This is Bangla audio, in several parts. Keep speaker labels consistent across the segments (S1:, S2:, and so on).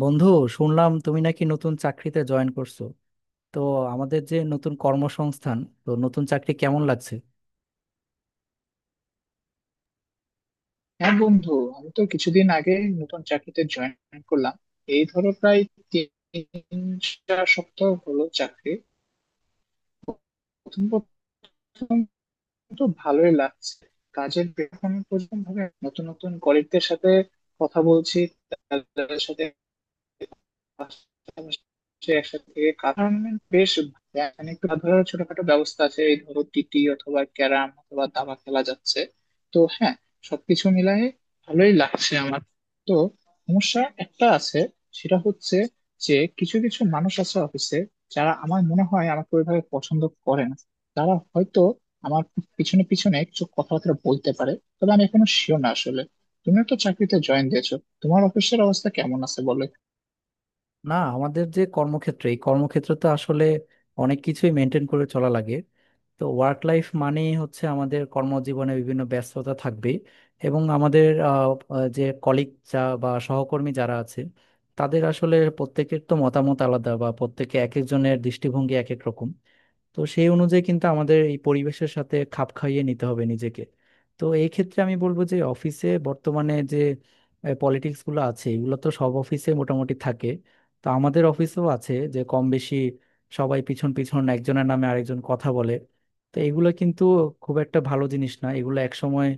S1: বন্ধু, শুনলাম তুমি নাকি নতুন চাকরিতে জয়েন করছো। তো আমাদের যে নতুন কর্মসংস্থান, তো নতুন চাকরি কেমন লাগছে?
S2: হ্যাঁ বন্ধু, আমি তো কিছুদিন আগে নতুন চাকরিতে জয়েন করলাম। এই ধরো প্রায় 3 4 সপ্তাহ হলো চাকরি। প্রথম প্রথম তো ভালোই লাগছে। কাজের এখন পর্যন্ত ভাবে নতুন নতুন কলিগদের সাথে কথা বলছি, তাদের সাথে পাশাপাশি একসাথে থেকে কাজ করার মানে বেশ, মানে একটু ধরো ছোটখাটো ব্যবস্থা আছে, এই ধরো টিটি অথবা ক্যারাম অথবা দাবা খেলা যাচ্ছে। তো হ্যাঁ, সবকিছু মিলায়ে ভালোই লাগছে আমার। তো সমস্যা একটা আছে, সেটা হচ্ছে যে কিছু কিছু মানুষ আছে অফিসে, যারা আমার মনে হয় আমাকে ওইভাবে পছন্দ করে না। তারা হয়তো আমার পিছনে পিছনে কিছু কথাবার্তা বলতে পারে, তবে আমি এখনো শিওর না আসলে। তুমিও তো চাকরিতে জয়েন দিয়েছো, তোমার অফিসের অবস্থা কেমন আছে বলো।
S1: না, আমাদের যে কর্মক্ষেত্র, এই কর্মক্ষেত্র তো আসলে অনেক কিছুই মেনটেন করে চলা লাগে। তো ওয়ার্ক লাইফ মানেই হচ্ছে আমাদের কর্মজীবনে বিভিন্ন ব্যস্ততা থাকবে, এবং আমাদের আহ, আহ, যে কলিগ যা বা সহকর্মী যারা আছে, তাদের আসলে প্রত্যেকের তো মতামত আলাদা, বা প্রত্যেকে এক একজনের দৃষ্টিভঙ্গি এক এক রকম। তো সেই অনুযায়ী কিন্তু আমাদের এই পরিবেশের সাথে খাপ খাইয়ে নিতে হবে নিজেকে। তো এই ক্ষেত্রে আমি বলবো যে অফিসে বর্তমানে যে পলিটিক্স গুলো আছে, এগুলো তো সব অফিসে মোটামুটি থাকে। তো আমাদের অফিসেও আছে, যে কম বেশি সবাই পিছন পিছন একজনের নামে আরেকজন কথা বলে। তো এগুলো কিন্তু খুব একটা ভালো জিনিস না, এগুলো একসময়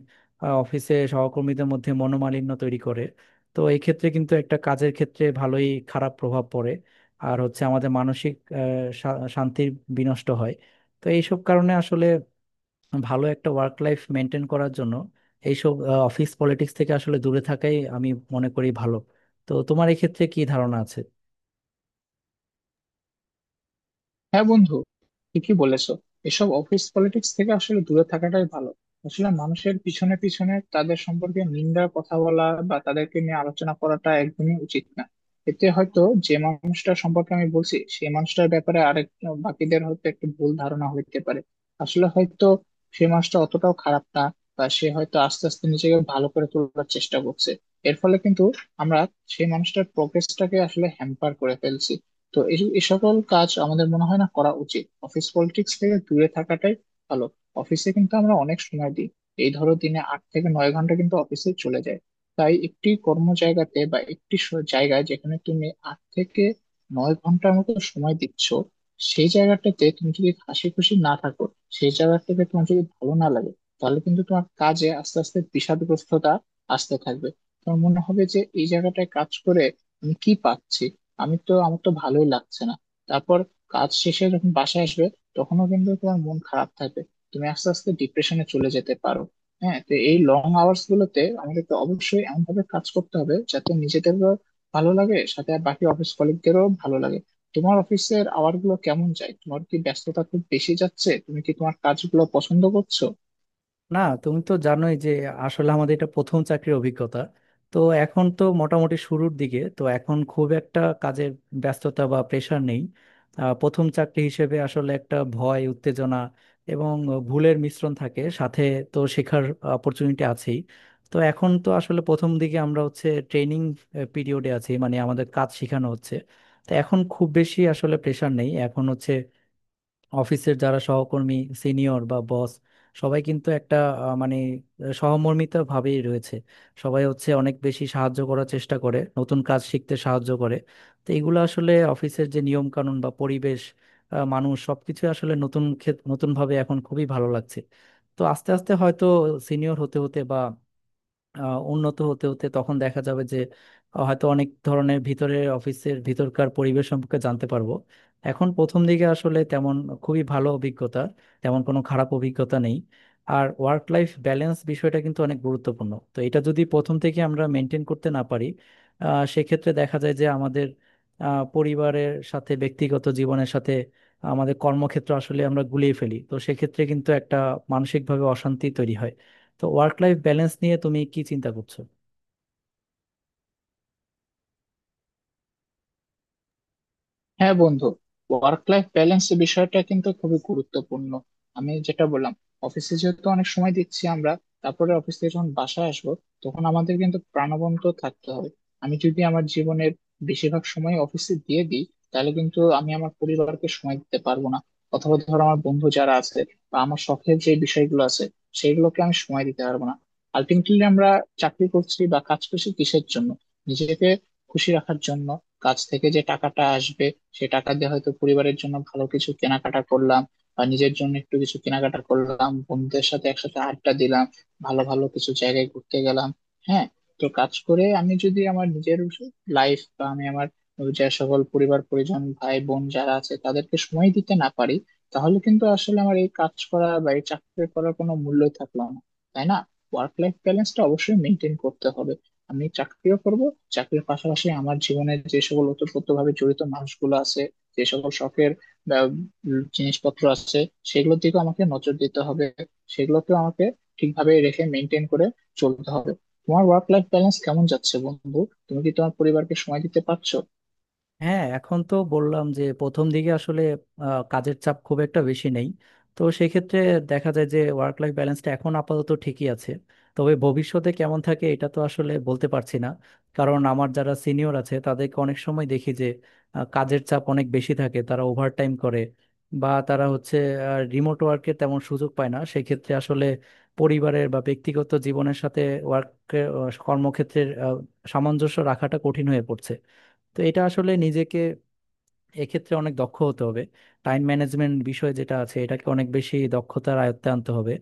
S1: অফিসে সহকর্মীদের মধ্যে মনোমালিন্য তৈরি করে। তো এই ক্ষেত্রে কিন্তু একটা কাজের ক্ষেত্রে ভালোই খারাপ প্রভাব পড়ে। আর হচ্ছে আমাদের মানসিক শান্তির বিনষ্ট হয়। তো এইসব কারণে আসলে ভালো একটা ওয়ার্ক লাইফ মেনটেন করার জন্য এইসব অফিস পলিটিক্স থেকে আসলে দূরে থাকাই আমি মনে করি ভালো। তো তোমার এক্ষেত্রে কি ধারণা আছে?
S2: হ্যাঁ বন্ধু, ঠিকই বলেছো। এসব অফিস পলিটিক্স থেকে আসলে দূরে থাকাটাই ভালো। আসলে মানুষের পিছনে পিছনে তাদের সম্পর্কে নিন্দা কথা বলা বা তাদেরকে নিয়ে আলোচনা করাটা একদমই উচিত না। এতে হয়তো যে মানুষটার সম্পর্কে আমি বলছি, সেই মানুষটার ব্যাপারে আরেক বাকিদের হয়তো একটু ভুল ধারণা হইতে পারে। আসলে হয়তো সেই মানুষটা অতটাও খারাপ না, বা সে হয়তো আস্তে আস্তে নিজেকে ভালো করে তোলার চেষ্টা করছে। এর ফলে কিন্তু আমরা সেই মানুষটার প্রোগ্রেসটাকে আসলে হ্যাম্পার করে ফেলছি। তো এই এই সকল কাজ আমাদের মনে হয় না করা উচিত, অফিস পলিটিক্স থেকে দূরে থাকাটাই ভালো। অফিসে কিন্তু আমরা অনেক সময় দিই, এই ধরো দিনে 8 থেকে 9 ঘন্টা কিন্তু অফিসে চলে যায়। তাই একটি কর্ম জায়গাতে বা একটি জায়গায়, যেখানে তুমি 8 থেকে 9 ঘন্টার মতো সময় দিচ্ছ, সেই জায়গাটাতে তুমি যদি হাসি খুশি না থাকো, সেই জায়গাটাকে তোমার যদি ভালো না লাগে, তাহলে কিন্তু তোমার কাজে আস্তে আস্তে বিষাদগ্রস্ততা আসতে থাকবে। তোমার মনে হবে যে এই জায়গাটায় কাজ করে আমি কি পাচ্ছি, আমি তো আমার তো ভালোই লাগছে না। তারপর কাজ শেষে যখন বাসায় আসবে, তখনও কিন্তু তোমার মন খারাপ থাকবে। তুমি আস্তে আস্তে ডিপ্রেশনে চলে যেতে পারো। হ্যাঁ, তো এই লং আওয়ার্স গুলোতে আমাদেরকে অবশ্যই এমন ভাবে কাজ করতে হবে যাতে নিজেদেরও ভালো লাগে, সাথে আর বাকি অফিস কলিগদেরও ভালো লাগে। তোমার অফিসের আওয়ার গুলো কেমন যায়? তোমার কি ব্যস্ততা খুব বেশি যাচ্ছে? তুমি কি তোমার কাজগুলো পছন্দ করছো?
S1: না, তুমি তো জানোই যে আসলে আমাদের এটা প্রথম চাকরির অভিজ্ঞতা। তো এখন তো মোটামুটি শুরুর দিকে, তো এখন খুব একটা কাজের ব্যস্ততা বা প্রেশার নেই। প্রথম চাকরি হিসেবে আসলে একটা ভয়, উত্তেজনা এবং ভুলের মিশ্রণ থাকে সাথে। তো শেখার অপরচুনিটি আছেই। তো এখন তো আসলে প্রথম দিকে আমরা হচ্ছে ট্রেনিং পিরিয়ডে আছি, মানে আমাদের কাজ শেখানো হচ্ছে। তো এখন খুব বেশি আসলে প্রেশার নেই। এখন হচ্ছে অফিসের যারা সহকর্মী, সিনিয়র বা বস, সবাই কিন্তু একটা মানে সহমর্মিতা ভাবেই রয়েছে। সবাই হচ্ছে অনেক বেশি সাহায্য করার চেষ্টা করে, নতুন কাজ শিখতে সাহায্য করে। তো এগুলো আসলে অফিসের যে নিয়ম কানুন বা পরিবেশ, মানুষ, সবকিছু আসলে নতুন ক্ষেত, নতুন ভাবে এখন খুবই ভালো লাগছে। তো আস্তে আস্তে হয়তো সিনিয়র হতে হতে বা উন্নত হতে হতে তখন দেখা যাবে যে হয়তো অনেক ধরনের ভিতরে অফিসের ভিতরকার পরিবেশ সম্পর্কে জানতে পারবো। এখন প্রথম দিকে আসলে তেমন খুবই ভালো অভিজ্ঞতা, তেমন কোনো খারাপ অভিজ্ঞতা নেই। আর ওয়ার্ক লাইফ ব্যালেন্স বিষয়টা কিন্তু অনেক গুরুত্বপূর্ণ, তো এটা যদি প্রথম থেকে আমরা মেনটেন করতে না পারি, সেক্ষেত্রে দেখা যায় যে আমাদের পরিবারের সাথে, ব্যক্তিগত জীবনের সাথে আমাদের কর্মক্ষেত্র আসলে আমরা গুলিয়ে ফেলি। তো সেক্ষেত্রে কিন্তু একটা মানসিকভাবে অশান্তি তৈরি হয়। তো ওয়ার্ক লাইফ ব্যালেন্স নিয়ে তুমি কি চিন্তা করছো?
S2: হ্যাঁ বন্ধু, ওয়ার্ক লাইফ ব্যালেন্স বিষয়টা কিন্তু খুবই গুরুত্বপূর্ণ। আমি যেটা বললাম, অফিসে যেহেতু অনেক সময় দিচ্ছি আমরা, তারপরে অফিস থেকে যখন বাসায় আসবো, তখন আমাদের কিন্তু প্রাণবন্ত থাকতে হবে। আমি যদি আমার জীবনের বেশিরভাগ সময় অফিসে দিয়ে দিই, তাহলে কিন্তু আমি আমার পরিবারকে সময় দিতে পারবো না, অথবা ধরো আমার বন্ধু যারা আছে বা আমার শখের যে বিষয়গুলো আছে, সেগুলোকে আমি সময় দিতে পারবো না। আলটিমেটলি আমরা চাকরি করছি বা কাজ করছি কিসের জন্য? নিজেকে খুশি রাখার জন্য। কাজ থেকে যে টাকাটা আসবে, সে টাকা দিয়ে হয়তো পরিবারের জন্য ভালো কিছু কেনাকাটা করলাম, বা নিজের জন্য একটু কিছু কেনাকাটা করলাম, বন্ধুদের সাথে একসাথে আড্ডা দিলাম, ভালো ভালো কিছু জায়গায় ঘুরতে গেলাম। হ্যাঁ, তো কাজ করে আমি যদি আমার নিজের লাইফ বা আমি আমার যে সকল পরিবার পরিজন ভাই বোন যারা আছে তাদেরকে সময় দিতে না পারি, তাহলে কিন্তু আসলে আমার এই কাজ করা বা এই চাকরি করার কোনো মূল্যই থাকলো না, তাই না? ওয়ার্ক লাইফ ব্যালেন্সটা অবশ্যই মেনটেন করতে হবে। আমি চাকরিও করব, চাকরির পাশাপাশি আমার জীবনে যে সকল ওতপ্রোত ভাবে জড়িত মানুষগুলো আছে, যে সকল শখের আহ, জিনিসপত্র আছে, সেগুলোর দিকেও আমাকে নজর দিতে হবে। সেগুলোকেও আমাকে ঠিকভাবে রেখে মেনটেন করে চলতে হবে। তোমার ওয়ার্ক লাইফ ব্যালেন্স কেমন যাচ্ছে বন্ধু? তুমি কি তোমার পরিবারকে সময় দিতে পারছো?
S1: হ্যাঁ, এখন তো বললাম যে প্রথম দিকে আসলে কাজের চাপ খুব একটা বেশি নেই। তো সেক্ষেত্রে দেখা যায় যে ওয়ার্ক লাইফ ব্যালেন্সটা এখন আপাতত ঠিকই আছে। তবে ভবিষ্যতে কেমন থাকে এটা তো আসলে বলতে পারছি না, কারণ আমার যারা সিনিয়র আছে তাদেরকে অনেক সময় দেখি যে কাজের চাপ অনেক বেশি থাকে, তারা ওভারটাইম করে, বা তারা হচ্ছে রিমোট ওয়ার্কের তেমন সুযোগ পায় না। সেক্ষেত্রে আসলে পরিবারের বা ব্যক্তিগত জীবনের সাথে ওয়ার্ক, কর্মক্ষেত্রের সামঞ্জস্য রাখাটা কঠিন হয়ে পড়ছে। তো এটা আসলে নিজেকে এক্ষেত্রে অনেক দক্ষ হতে হবে। টাইম ম্যানেজমেন্ট বিষয় যেটা আছে, এটাকে অনেক বেশি দক্ষতার আয়ত্তে আনতে হবে।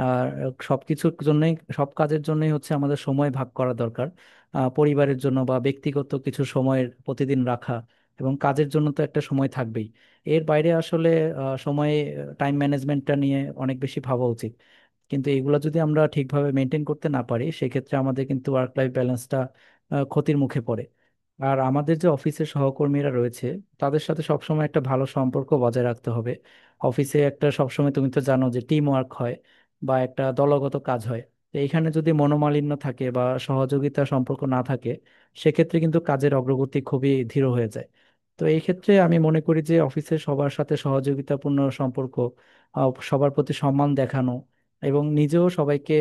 S1: আর সবকিছুর জন্যই, সব কাজের জন্যই হচ্ছে আমাদের সময় ভাগ করা দরকার। পরিবারের জন্য বা ব্যক্তিগত কিছু সময়ের প্রতিদিন রাখা, এবং কাজের জন্য তো একটা সময় থাকবেই। এর বাইরে আসলে আহ, সময়ে টাইম ম্যানেজমেন্টটা নিয়ে অনেক বেশি ভাবা উচিত। কিন্তু এগুলো যদি আমরা ঠিকভাবে মেনটেন করতে না পারি, সেক্ষেত্রে আমাদের কিন্তু ওয়ার্ক লাইফ ব্যালেন্সটা ক্ষতির মুখে পড়ে। আর আমাদের যে অফিসের সহকর্মীরা রয়েছে, তাদের সাথে সবসময় একটা ভালো সম্পর্ক বজায় রাখতে হবে। অফিসে একটা সবসময়, তুমি তো জানো যে টিম ওয়ার্ক হয় বা একটা দলগত কাজ হয়। তো এখানে যদি মনোমালিন্য থাকে বা সহযোগিতা সম্পর্ক না থাকে, সেক্ষেত্রে কিন্তু কাজের অগ্রগতি খুবই ধীর হয়ে যায়। তো এই ক্ষেত্রে আমি মনে করি যে অফিসে সবার সাথে সহযোগিতাপূর্ণ সম্পর্ক, সবার প্রতি সম্মান দেখানো এবং নিজেও সবাইকে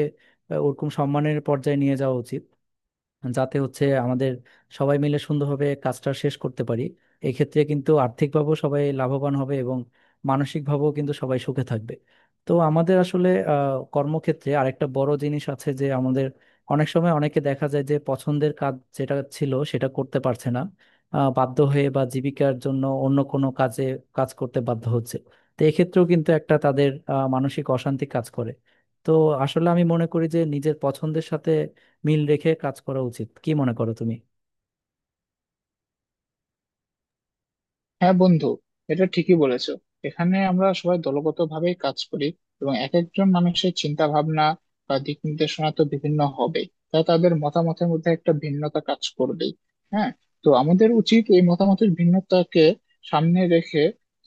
S1: ওরকম সম্মানের পর্যায়ে নিয়ে যাওয়া উচিত, যাতে হচ্ছে আমাদের সবাই মিলে সুন্দরভাবে কাজটা শেষ করতে পারি। এক্ষেত্রে কিন্তু আর্থিকভাবেও সবাই লাভবান হবে এবং মানসিকভাবেও কিন্তু সবাই সুখে থাকবে। তো আমাদের আসলে কর্মক্ষেত্রে আরেকটা বড় জিনিস আছে যে আমাদের অনেক সময় অনেকে দেখা যায় যে পছন্দের কাজ যেটা ছিল সেটা করতে পারছে না, বাধ্য হয়ে বা জীবিকার জন্য অন্য কোনো কাজে কাজ করতে বাধ্য হচ্ছে। তো এক্ষেত্রেও কিন্তু একটা তাদের মানসিক অশান্তি কাজ করে। তো আসলে আমি মনে করি যে নিজের পছন্দের সাথে মিল রেখে কাজ করা উচিত। কি মনে করো তুমি?
S2: হ্যাঁ বন্ধু, এটা ঠিকই বলেছো। এখানে আমরা সবাই দলগতভাবে কাজ করি, এবং এক একজন মানুষের চিন্তা ভাবনা বা দিক নির্দেশনা তো বিভিন্ন হবে। তা তাদের মতামতের মধ্যে একটা ভিন্নতা কাজ করবেই। হ্যাঁ, তো আমাদের উচিত এই মতামতের ভিন্নতাকে সামনে রেখে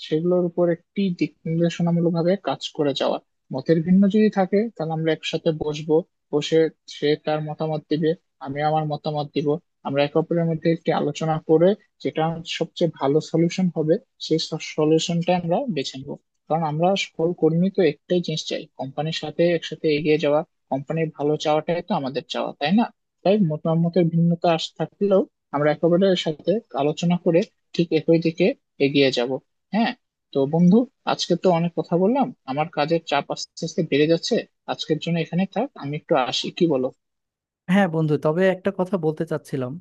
S2: সেগুলোর উপর একটি দিক নির্দেশনামূলক ভাবে কাজ করে যাওয়া। মতের ভিন্ন যদি থাকে তাহলে আমরা একসাথে বসবো, বসে সে তার মতামত দিবে, আমি আমার মতামত দিব, আমরা একে অপরের মধ্যে একটি আলোচনা করে যেটা সবচেয়ে ভালো সলিউশন হবে, সেই সলিউশনটা আমরা বেছে নেব। কারণ আমরা সকল কর্মী তো একটাই জিনিস চাই, কোম্পানির সাথে একসাথে এগিয়ে যাওয়া। কোম্পানির ভালো চাওয়াটাই তো আমাদের চাওয়া, তাই না? তাই মতামতের ভিন্নতা আস থাকলেও আমরা একেবারে সাথে আলোচনা করে ঠিক একই দিকে এগিয়ে যাব। হ্যাঁ, তো বন্ধু, আজকে তো অনেক কথা বললাম, আমার কাজের চাপ আস্তে আস্তে বেড়ে যাচ্ছে। আজকের জন্য এখানে থাক, আমি একটু আসি, কি বলো?
S1: হ্যাঁ বন্ধু, তবে একটা কথা বলতে চাচ্ছিলাম।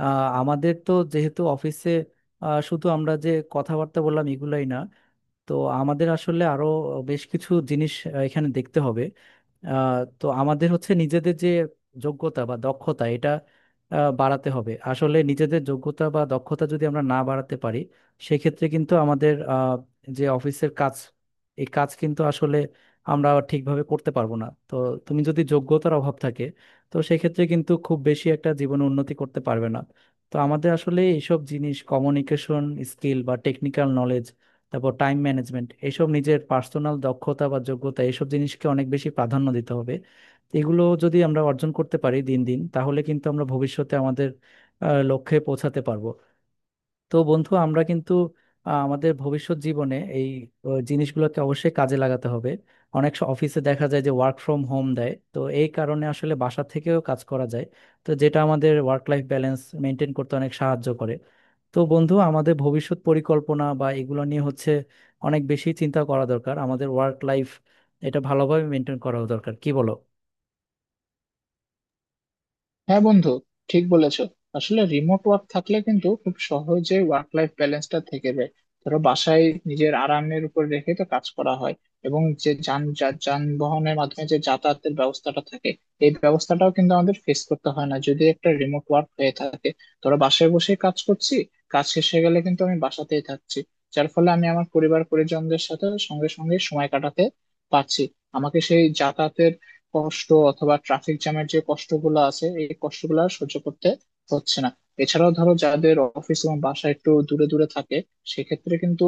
S1: আমাদের তো যেহেতু অফিসে শুধু আমরা যে কথাবার্তা বললাম এগুলাই না, তো আমাদের আসলে আরো বেশ কিছু জিনিস এখানে দেখতে হবে। আহ, তো আমাদের হচ্ছে নিজেদের যে যোগ্যতা বা দক্ষতা এটা বাড়াতে হবে। আসলে নিজেদের যোগ্যতা বা দক্ষতা যদি আমরা না বাড়াতে পারি, সেক্ষেত্রে কিন্তু আমাদের যে অফিসের কাজ, এই কাজ কিন্তু আসলে আমরা ঠিকভাবে করতে পারবো না। তো তুমি যদি, যোগ্যতার অভাব থাকে তো সেক্ষেত্রে কিন্তু খুব বেশি একটা জীবনে উন্নতি করতে পারবে না। তো আমাদের আসলে এইসব জিনিস কমিউনিকেশন স্কিল বা টেকনিক্যাল নলেজ, তারপর টাইম ম্যানেজমেন্ট, এইসব নিজের পার্সোনাল দক্ষতা বা যোগ্যতা এইসব জিনিসকে অনেক বেশি প্রাধান্য দিতে হবে। তো এগুলো যদি আমরা অর্জন করতে পারি দিন দিন, তাহলে কিন্তু আমরা ভবিষ্যতে আমাদের লক্ষ্যে পৌঁছাতে পারবো। তো বন্ধু, আমরা কিন্তু আমাদের ভবিষ্যৎ জীবনে এই জিনিসগুলোকে অবশ্যই কাজে লাগাতে হবে। অনেক অফিসে দেখা যায় যে ওয়ার্ক ফ্রম হোম দেয়, তো এই কারণে আসলে বাসা থেকেও কাজ করা যায়, তো যেটা আমাদের ওয়ার্ক লাইফ ব্যালেন্স মেনটেন করতে অনেক সাহায্য করে। তো বন্ধু, আমাদের ভবিষ্যৎ পরিকল্পনা বা এগুলো নিয়ে হচ্ছে অনেক বেশি চিন্তা করা দরকার, আমাদের ওয়ার্ক লাইফ, এটা ভালোভাবে মেনটেন করা দরকার। কি বলো?
S2: হ্যাঁ বন্ধু, ঠিক বলেছো। আসলে রিমোট ওয়ার্ক থাকলে কিন্তু খুব সহজে ওয়ার্ক লাইফ ব্যালেন্সটা থেকে যায়। ধরো বাসায় নিজের আরামের উপর রেখে তো কাজ করা হয়, এবং যে যান যানবাহনের মাধ্যমে যে যাতায়াতের ব্যবস্থাটা থাকে, এই ব্যবস্থাটাও কিন্তু আমাদের ফেস করতে হয় না যদি একটা রিমোট ওয়ার্ক হয়ে থাকে। ধরো বাসায় বসে কাজ করছি, কাজ শেষ হয়ে গেলে কিন্তু আমি বাসাতেই থাকছি, যার ফলে আমি আমার পরিবার পরিজনদের সাথে সঙ্গে সঙ্গে সময় কাটাতে পারছি। আমাকে সেই যাতায়াতের কষ্ট অথবা ট্রাফিক জ্যামের যে কষ্টগুলো আছে, এই কষ্টগুলো আর সহ্য করতে হচ্ছে না। এছাড়াও ধরো যাদের অফিস এবং বাসা একটু দূরে দূরে থাকে, সেক্ষেত্রে কিন্তু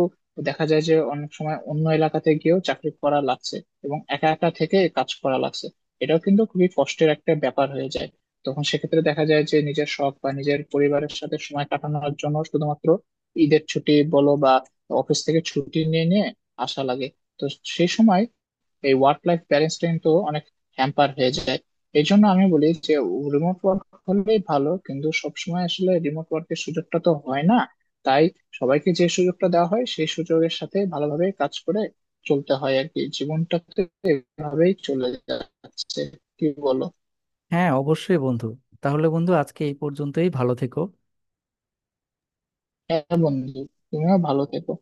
S2: দেখা যায় যে অনেক সময় অন্য এলাকাতে গিয়েও চাকরি করা লাগছে, এবং একা একা থেকে কাজ করা লাগছে। এটাও কিন্তু খুবই কষ্টের একটা ব্যাপার হয়ে যায়। তখন সেক্ষেত্রে দেখা যায় যে নিজের শখ বা নিজের পরিবারের সাথে সময় কাটানোর জন্য শুধুমাত্র ঈদের ছুটি বলো, বা অফিস থেকে ছুটি নিয়ে নিয়ে আসা লাগে। তো সেই সময় এই ওয়ার্ক লাইফ ব্যালেন্স কিন্তু অনেক হ্যাম্পার হয়ে যায়। এই জন্য আমি বলি যে রিমোট ওয়ার্ক হলেই ভালো, কিন্তু সবসময় আসলে রিমোট ওয়ার্কের সুযোগটা তো হয় না। তাই সবাইকে যে সুযোগটা দেওয়া হয় সেই সুযোগের সাথে ভালোভাবে কাজ করে চলতে হয় আর কি। জীবনটাতে এভাবেই চলে যাচ্ছে, কি বলো?
S1: হ্যাঁ অবশ্যই বন্ধু। তাহলে বন্ধু, আজকে এই পর্যন্তই। ভালো থেকো।
S2: হ্যাঁ বন্ধু, তুমিও ভালো থেকো।